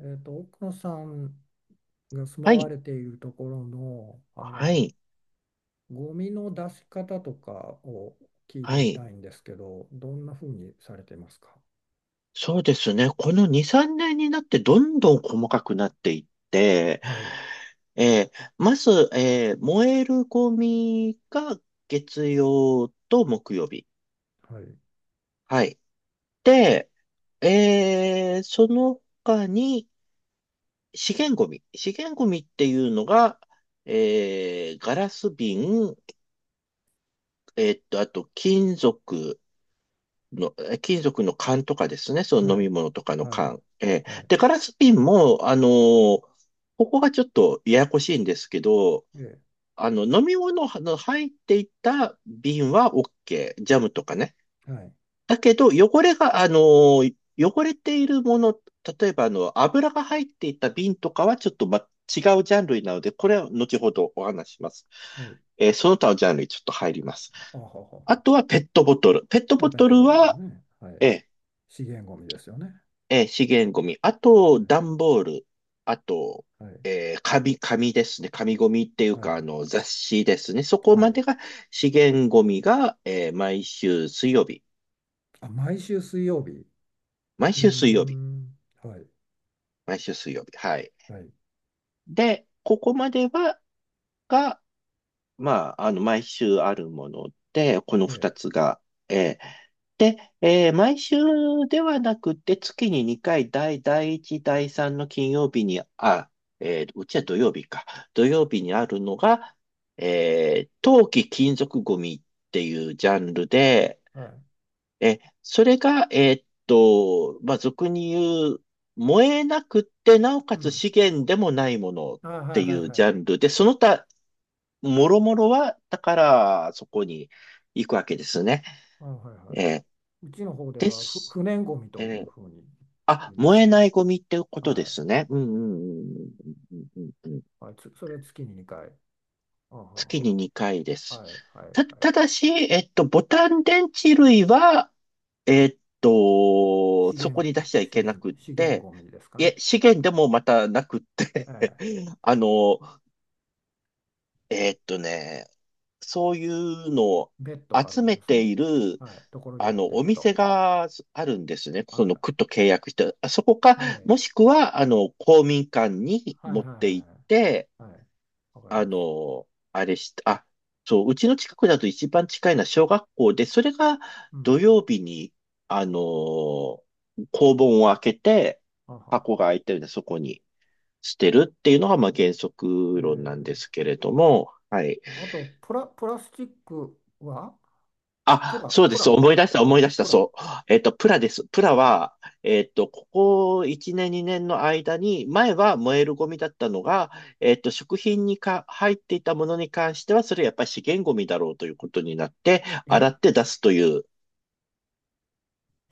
奥野さんが住はまわい、れているところの、はい、ゴミの出し方とかを聞いてはみい。たいんですけど、どんなふうにされてますか？そうですね。この2、3年になってどんどん細かくなっていって、はい。えーまず、燃えるゴミが月曜と木曜日。はい。はい。で、その他に資源ゴミ。資源ゴミっていうのが、ガラス瓶、あと金属の、金属の缶とかですね、そはの飲みい。物とかのはい。缶。えーはい。で、ガラス瓶も、ここがちょっとややこしいんですけど、えあの、飲み物の入っていた瓶は OK。ジャムとかね。え。はい。だけど、汚れているもの、例えば、あの、油が入っていた瓶とかはちょっと、ま、違うジャンルなので、これは後ほどお話しします。はい。その他のジャンルにちょっと入ります。あはは。あとはペットボトル。ペットあ、ボペットトルボトルのは、ね。はい、ええ資源ゴミですよね。資源ゴミ。あと、段ボール。あと、はい。はい。紙ですね。紙ゴミっていうはか、あい。の、雑誌ですね。そこはまい。でが資源ゴミが、毎週水曜日。あ、毎週水曜日。毎うー週水曜日。ん。はい。毎週水曜日。はい。はい。で、ここまでは、が、まあ、あの、毎週あるもので、このえ二え。つが、えーで、えー毎週ではなくて、月に2回、第1、第3の金曜日に、うちは土曜日か。土曜日にあるのが、えー冬金属ゴミっていうジャンルで、はい。えそれが、まあ、俗に言う、燃えなくって、なおうかつん。資源でもないものっあ、はい。ていはい。うはジい。ャンルで、その他もろもろは、だから、そこに行くわけですね。あ、はいはえーい。うちの方でではふす。不燃ゴミえというーふうにあ、言います燃えね。ないゴミってことではい。すね。うんうんうんうんうんうんうん。はい、それは月に2回。あは月は。に2回です。はいはいはい。ただし、えっと、ボタン電池類は、えっと、資そこ源、に出しちゃいけなくっ資源て、ゴミですかいね。え、資源でもまたなくって。 ええ、あの、えっとね、そういうのを別途ある集んめですね。ている、はい。ところにあ持っての、いおくと。店があるんですね。そのは区と契約して、あそこか、い。えもえ。しくは、あの、公民館にはいはい持っはて行って、いはい。はい。わかりあます。の、あれして、あ、そう、うちの近くだと一番近いのは小学校で、それがう土ん。曜日に、あの、校門を開けて、あはは。箱が開いてるんで、そこに捨てるっていうのが、まあ、原え則論なんでえ。すけれども、はい。あと、プラスチックはプあ、ラ、そうでプす。ラ、思い出した、プラ。そう。えっと、プラです。プラは、えっと、ここ1年、2年の間に、前は燃えるゴミだったのが、食品にか入っていたものに関しては、それやっぱり資源ゴミだろうということになって、洗えって出すという、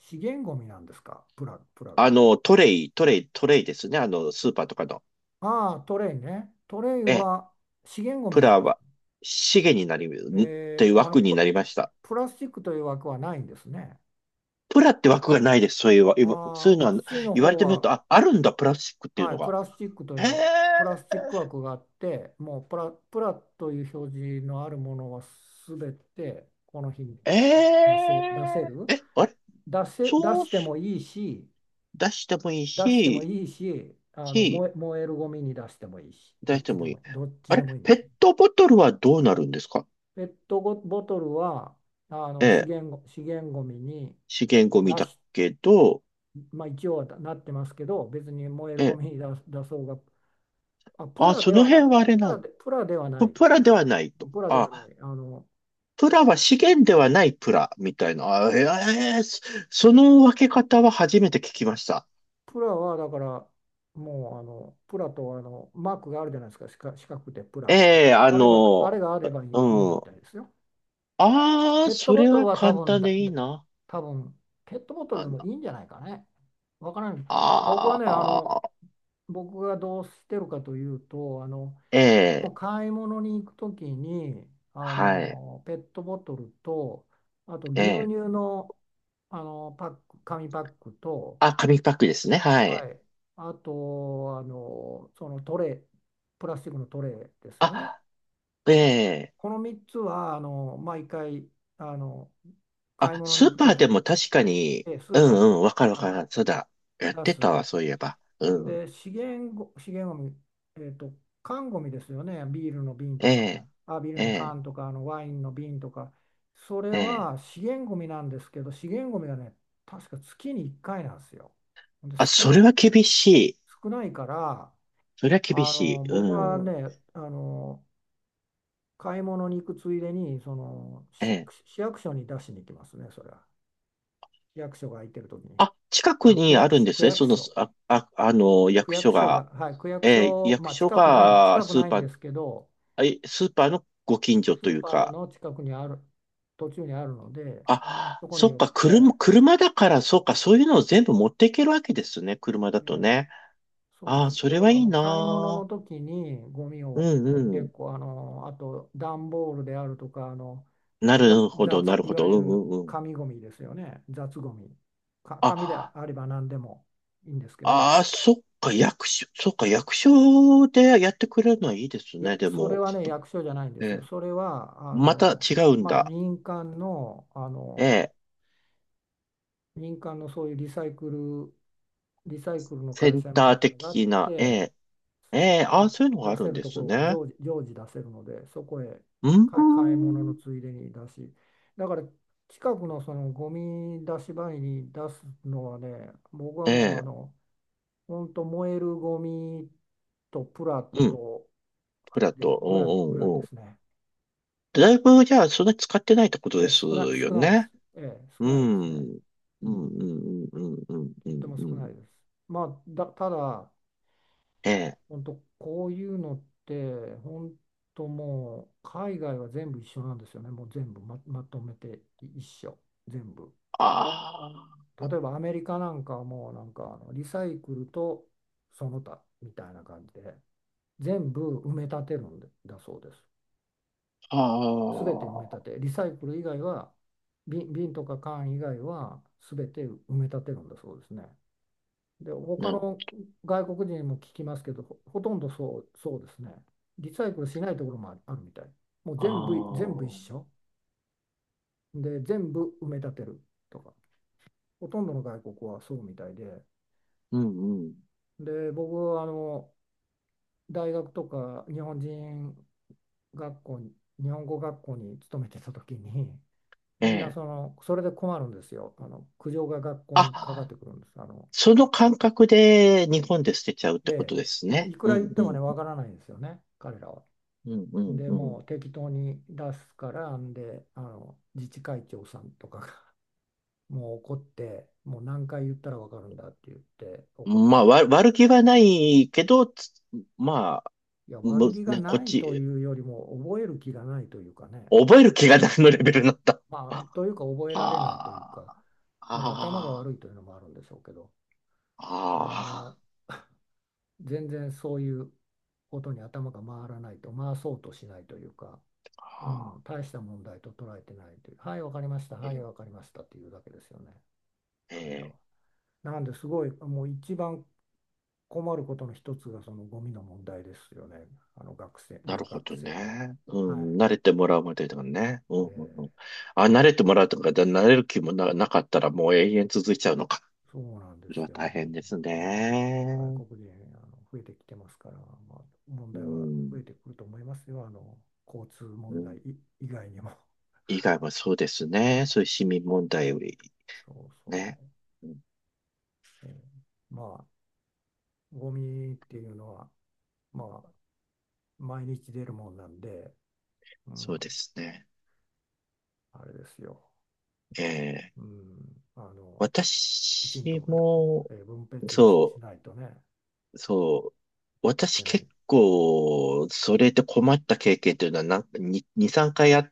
資源ゴミなんですか、プラが？あの、トレイですね。あの、スーパーとかの。ああ、トレイね。トレイええ、は資源ゴミプなんラですは、か？資源になり、といえうー、あの枠になプ、りました。プラスチックという枠はないんですね。プラって枠がないです。そういうわ、あ今そあ、ういううのは、ちの言われ方てみると、は、あ、あるんだ、プラスチックっていうはのい、プが。ラスチックというへえ。の、プラスチック枠があって、もうプラという表示のあるものはすべてこの日にえ出せえる。ーえ、あれ出せ、出そうしてもいいし、出してもいい出してもし、いいし、し、燃えるゴミに出してもいいし、出してもいい。どっちあでれもいいんでペッす。トボトルはどうなるんですか。ペットボボトルはええ、資源ごみに資源ゴミ出だし、けど、まあ、一応はなってますけど、別に燃えるえごえ、みに出出そうが、あ、あ、その辺はあれプなラん、で、プラではない、プラではないと。プラではなあ、い、プラは資源ではないプラ、みたいな。その分け方は初めて聞きました。プラはだから、もうプラとマークがあるじゃないですか、四角くてプラってえか、え、ああれの、があればいい、いいうみん。たいですよ。ああ、ペットそボれトルはは簡単でいいな。多分ペットボトルあでの、もいいんじゃないかね。わからない。僕はあね、あ、僕がどうしてるかというと、もええ、う買い物に行くときに、はい。ペットボトルと、あとえ牛え。乳の、パック、紙パックと、あ、紙パックですね。はい。はい、あと、そのトレー、プラスチックのトレーですよね。あ、ええ。この3つは、毎回、あの、買いあ、物にス行ーくパとーきでに、も確かに、スうーパーんに、うん、わかるわはかい、る。そうだ。やっ出てす。たわ、そういえば。うん。で、資源ゴミ、えっと、缶ゴミですよね、ビールの瓶えとか、え。あ、ビールえのえ。缶とか、ワインの瓶とか、それええ。は資源ゴミなんですけど、資源ゴミはね、確か月に1回なんですよ。で、あ、それは厳しい。少ないから、それは厳しい。僕はうん。ね、買い物に行くついでに、ええ。市役所に出しに行きますね、それは。市役所が空いてる時に。あ、近くあ、にあるんです区ね。そ役の、所。あの、区役役所所が、が。はい、区役ええ、所、役まあ、所が、近くスなーいんパでー、すけど、え、スーパーのご近所スとーいうパーか、の近くにある、途中にあるので、あ、そこにそっ寄っか、て、車だから、そっか、そういうのを全部持っていけるわけですね、車だえとえ、ね。そうでああ、す。そだれかはいらいな買い物のあ。時にゴミうをんう結ん。構、あと段ボールであるとか、なるほど、なるいほわど。ゆうるんうんうん。紙ゴミですよね、雑ゴミ。紙であ、あれば何でもいいんですけど、ああ、そっか、役所、そっか、役所でやってくれるのはいいですいや、ね、でそれも。はね、役所じゃないんでえすよ。え、それは、また違うんまただ。ええ、民間のそういうリサイクルのセ会ン社みたタいーなのがあっ的な、えて、え、ええ、そああ、のそういうのがあ出るせんるでとこすろがね。常時出せるので、そこへうん、買い物のついでに出し、だから近くのそのゴミ出し場に出すのはね、僕はえもう、え、本当燃えるゴミとプラうん、とフラッでト、うぐんらいうんでうん。すね。だいぶ、じゃあ、そんなに使ってないってことですよ少ないです。ね。う少ないですん。ね。うん、ううん、ん、うん、うん、うん、うとってん。もう少なんいです。まあ、ただ、ええ。本当こういうのって、本当もう、海外は全部一緒なんですよね。もう全部まとめて一緒。全部。あ例えばアメリカなんかはもうなんかリサイクルとその他みたいな感じで全部埋め立てるんでだそうです。あ、全て埋め立ああ、て、リサイクル以外は、瓶とか缶以外は全て埋め立てるんだそうですね。で、な他るほのど。外国人にも聞きますけど、ほとんどそうですね。リサイクルしないところもあるみたい。もうあ全部一緒。で、全部埋め立てるとか、ほとんどの外国はそうみたいで、あ、うん、うん。で、僕は大学とか学校に、日本語学校に勤めてた時に、えみんなえ。その、それで困るんですよ。苦情が学校にかかっあ、てくるんです。その感覚で日本で捨てちゃうってこえとですえ、もうね。いくら言ってうもね、ん、わからないんですよね、彼らは。うん、で、うもん、う適当に出すから、んで、自治会長さんとかが もう怒って、もう何回言ったらわかるんだって言ってう怒っん。まあ、て。悪気はないけど、まあ、いや、悪む、気がね、こっないとち、いうよりも、覚える気がないというかね。覚える気がないのレうベルん、になった。まあ、あというか、覚えられないというあ、あか、まあ、頭があ。悪いというのもあるんでしょうけど、ああの、全然そういうことに頭が回らないと、回そうとしないというか、うああ。ん、大した問題と捉えてないという、はい、わかりました、えはい、え、わかりましたっていうだけですよね、彼らええ、は。なんですごい、もう一番困ることの一つがそのゴミの問題ですよね、な留るほ学ど生の。ね。うはん、慣れてもらうまでだね。うん、い。で、うん、うん。あ、慣れてもらうとか、慣れる気もなかったらもう永遠続いちゃうのか。そうなんでそれすはよ、大変もですうね、ね。外国人増えてきてますから、まあ、問う題は増えん、てくると思いますよ、交通う問題ん。以外にも。以外はそうですね。ね、そういう市民問題よりそうそね。うん、う。ええ、まあ、ゴミっていうのは、まあ、毎日出るもんなんで、うそうん、ですね。あれですよ。ええ、うん、きち私んと、も、分別しそう、ないとね、そう。い私けない。結構、それで困った経験というのはなんか2、3回あっ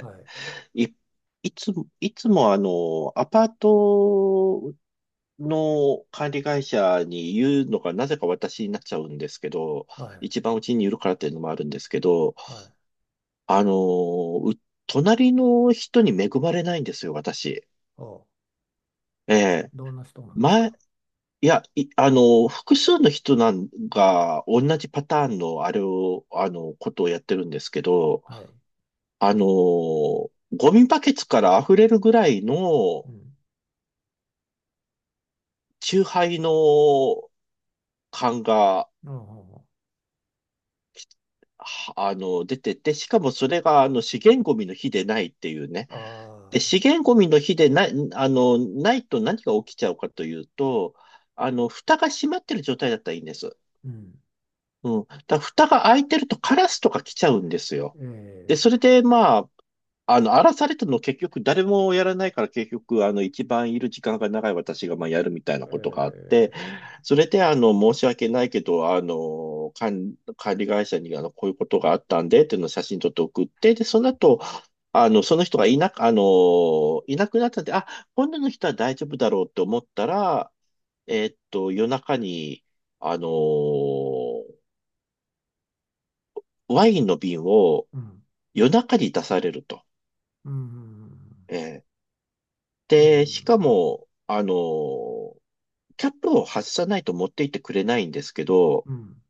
はい。い、いつもあの、アパートの管理会社に言うのがなぜか私になっちゃうんですけど、はい。一番うちにいるからっていうのもあるんですけど、はい。あの、隣の人に恵まれないんですよ、私。お、ええ。どんな人なんです前、か？いや、あの、複数の人なんが同じパターンのあれを、あの、ことをやってるんですけど、はい。あの、ゴミバケツから溢れるぐらいのうん。酎ハイの缶が、うん。うん。はあの、出てて、しかもそれが、あの、資源ゴミの日でないっていうね。で、ああ資源ゴミの日でない、あの、ないと何が起きちゃうかというと、あの、蓋が閉まってる状態だったらいいんです。ー。うん。うん。だから蓋が開いてるとカラスとか来ちゃうんですよ。で、えそれで、まあ、あの、荒らされたの結局誰もやらないから結局、あの、一番いる時間が長い私がまあやるみたいなー。えことがあって、ー。それで、あの、申し訳ないけど、あの、管理会社にあの、こういうことがあったんで、っていうのを写真撮って送って、で、その後、あの、その人がいなく、あの、いなくなったんで、あ、今度の人は大丈夫だろうって思ったら、夜中に、あの、ワインの瓶をうん。夜中に出されると。うん。うん。えーうん。うで、しかん。も、キャップを外さないと持っていってくれないんですけど、うん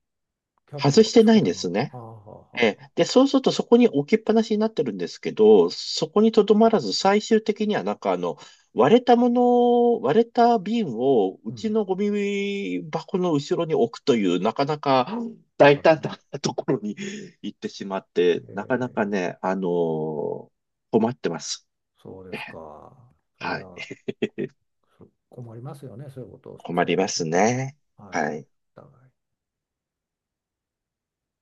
キャップ外しをてつなけいんたでますま。はね。あはあはあはええ。あ。で、そうするとそこに置きっぱなしになってるんですけど、そこにとどまらず最終的にはなんかあの、割れた瓶をううちん。のゴミ箱の後ろに置くというなかなか大あら胆ま。なところに行ってしまって、えなかなー、かね、あの困ってます。そうでえすえ、か。そりはい。ゃ、困りますよね。そういうことを困さりれてまるすと。ね。ははい。い。お互い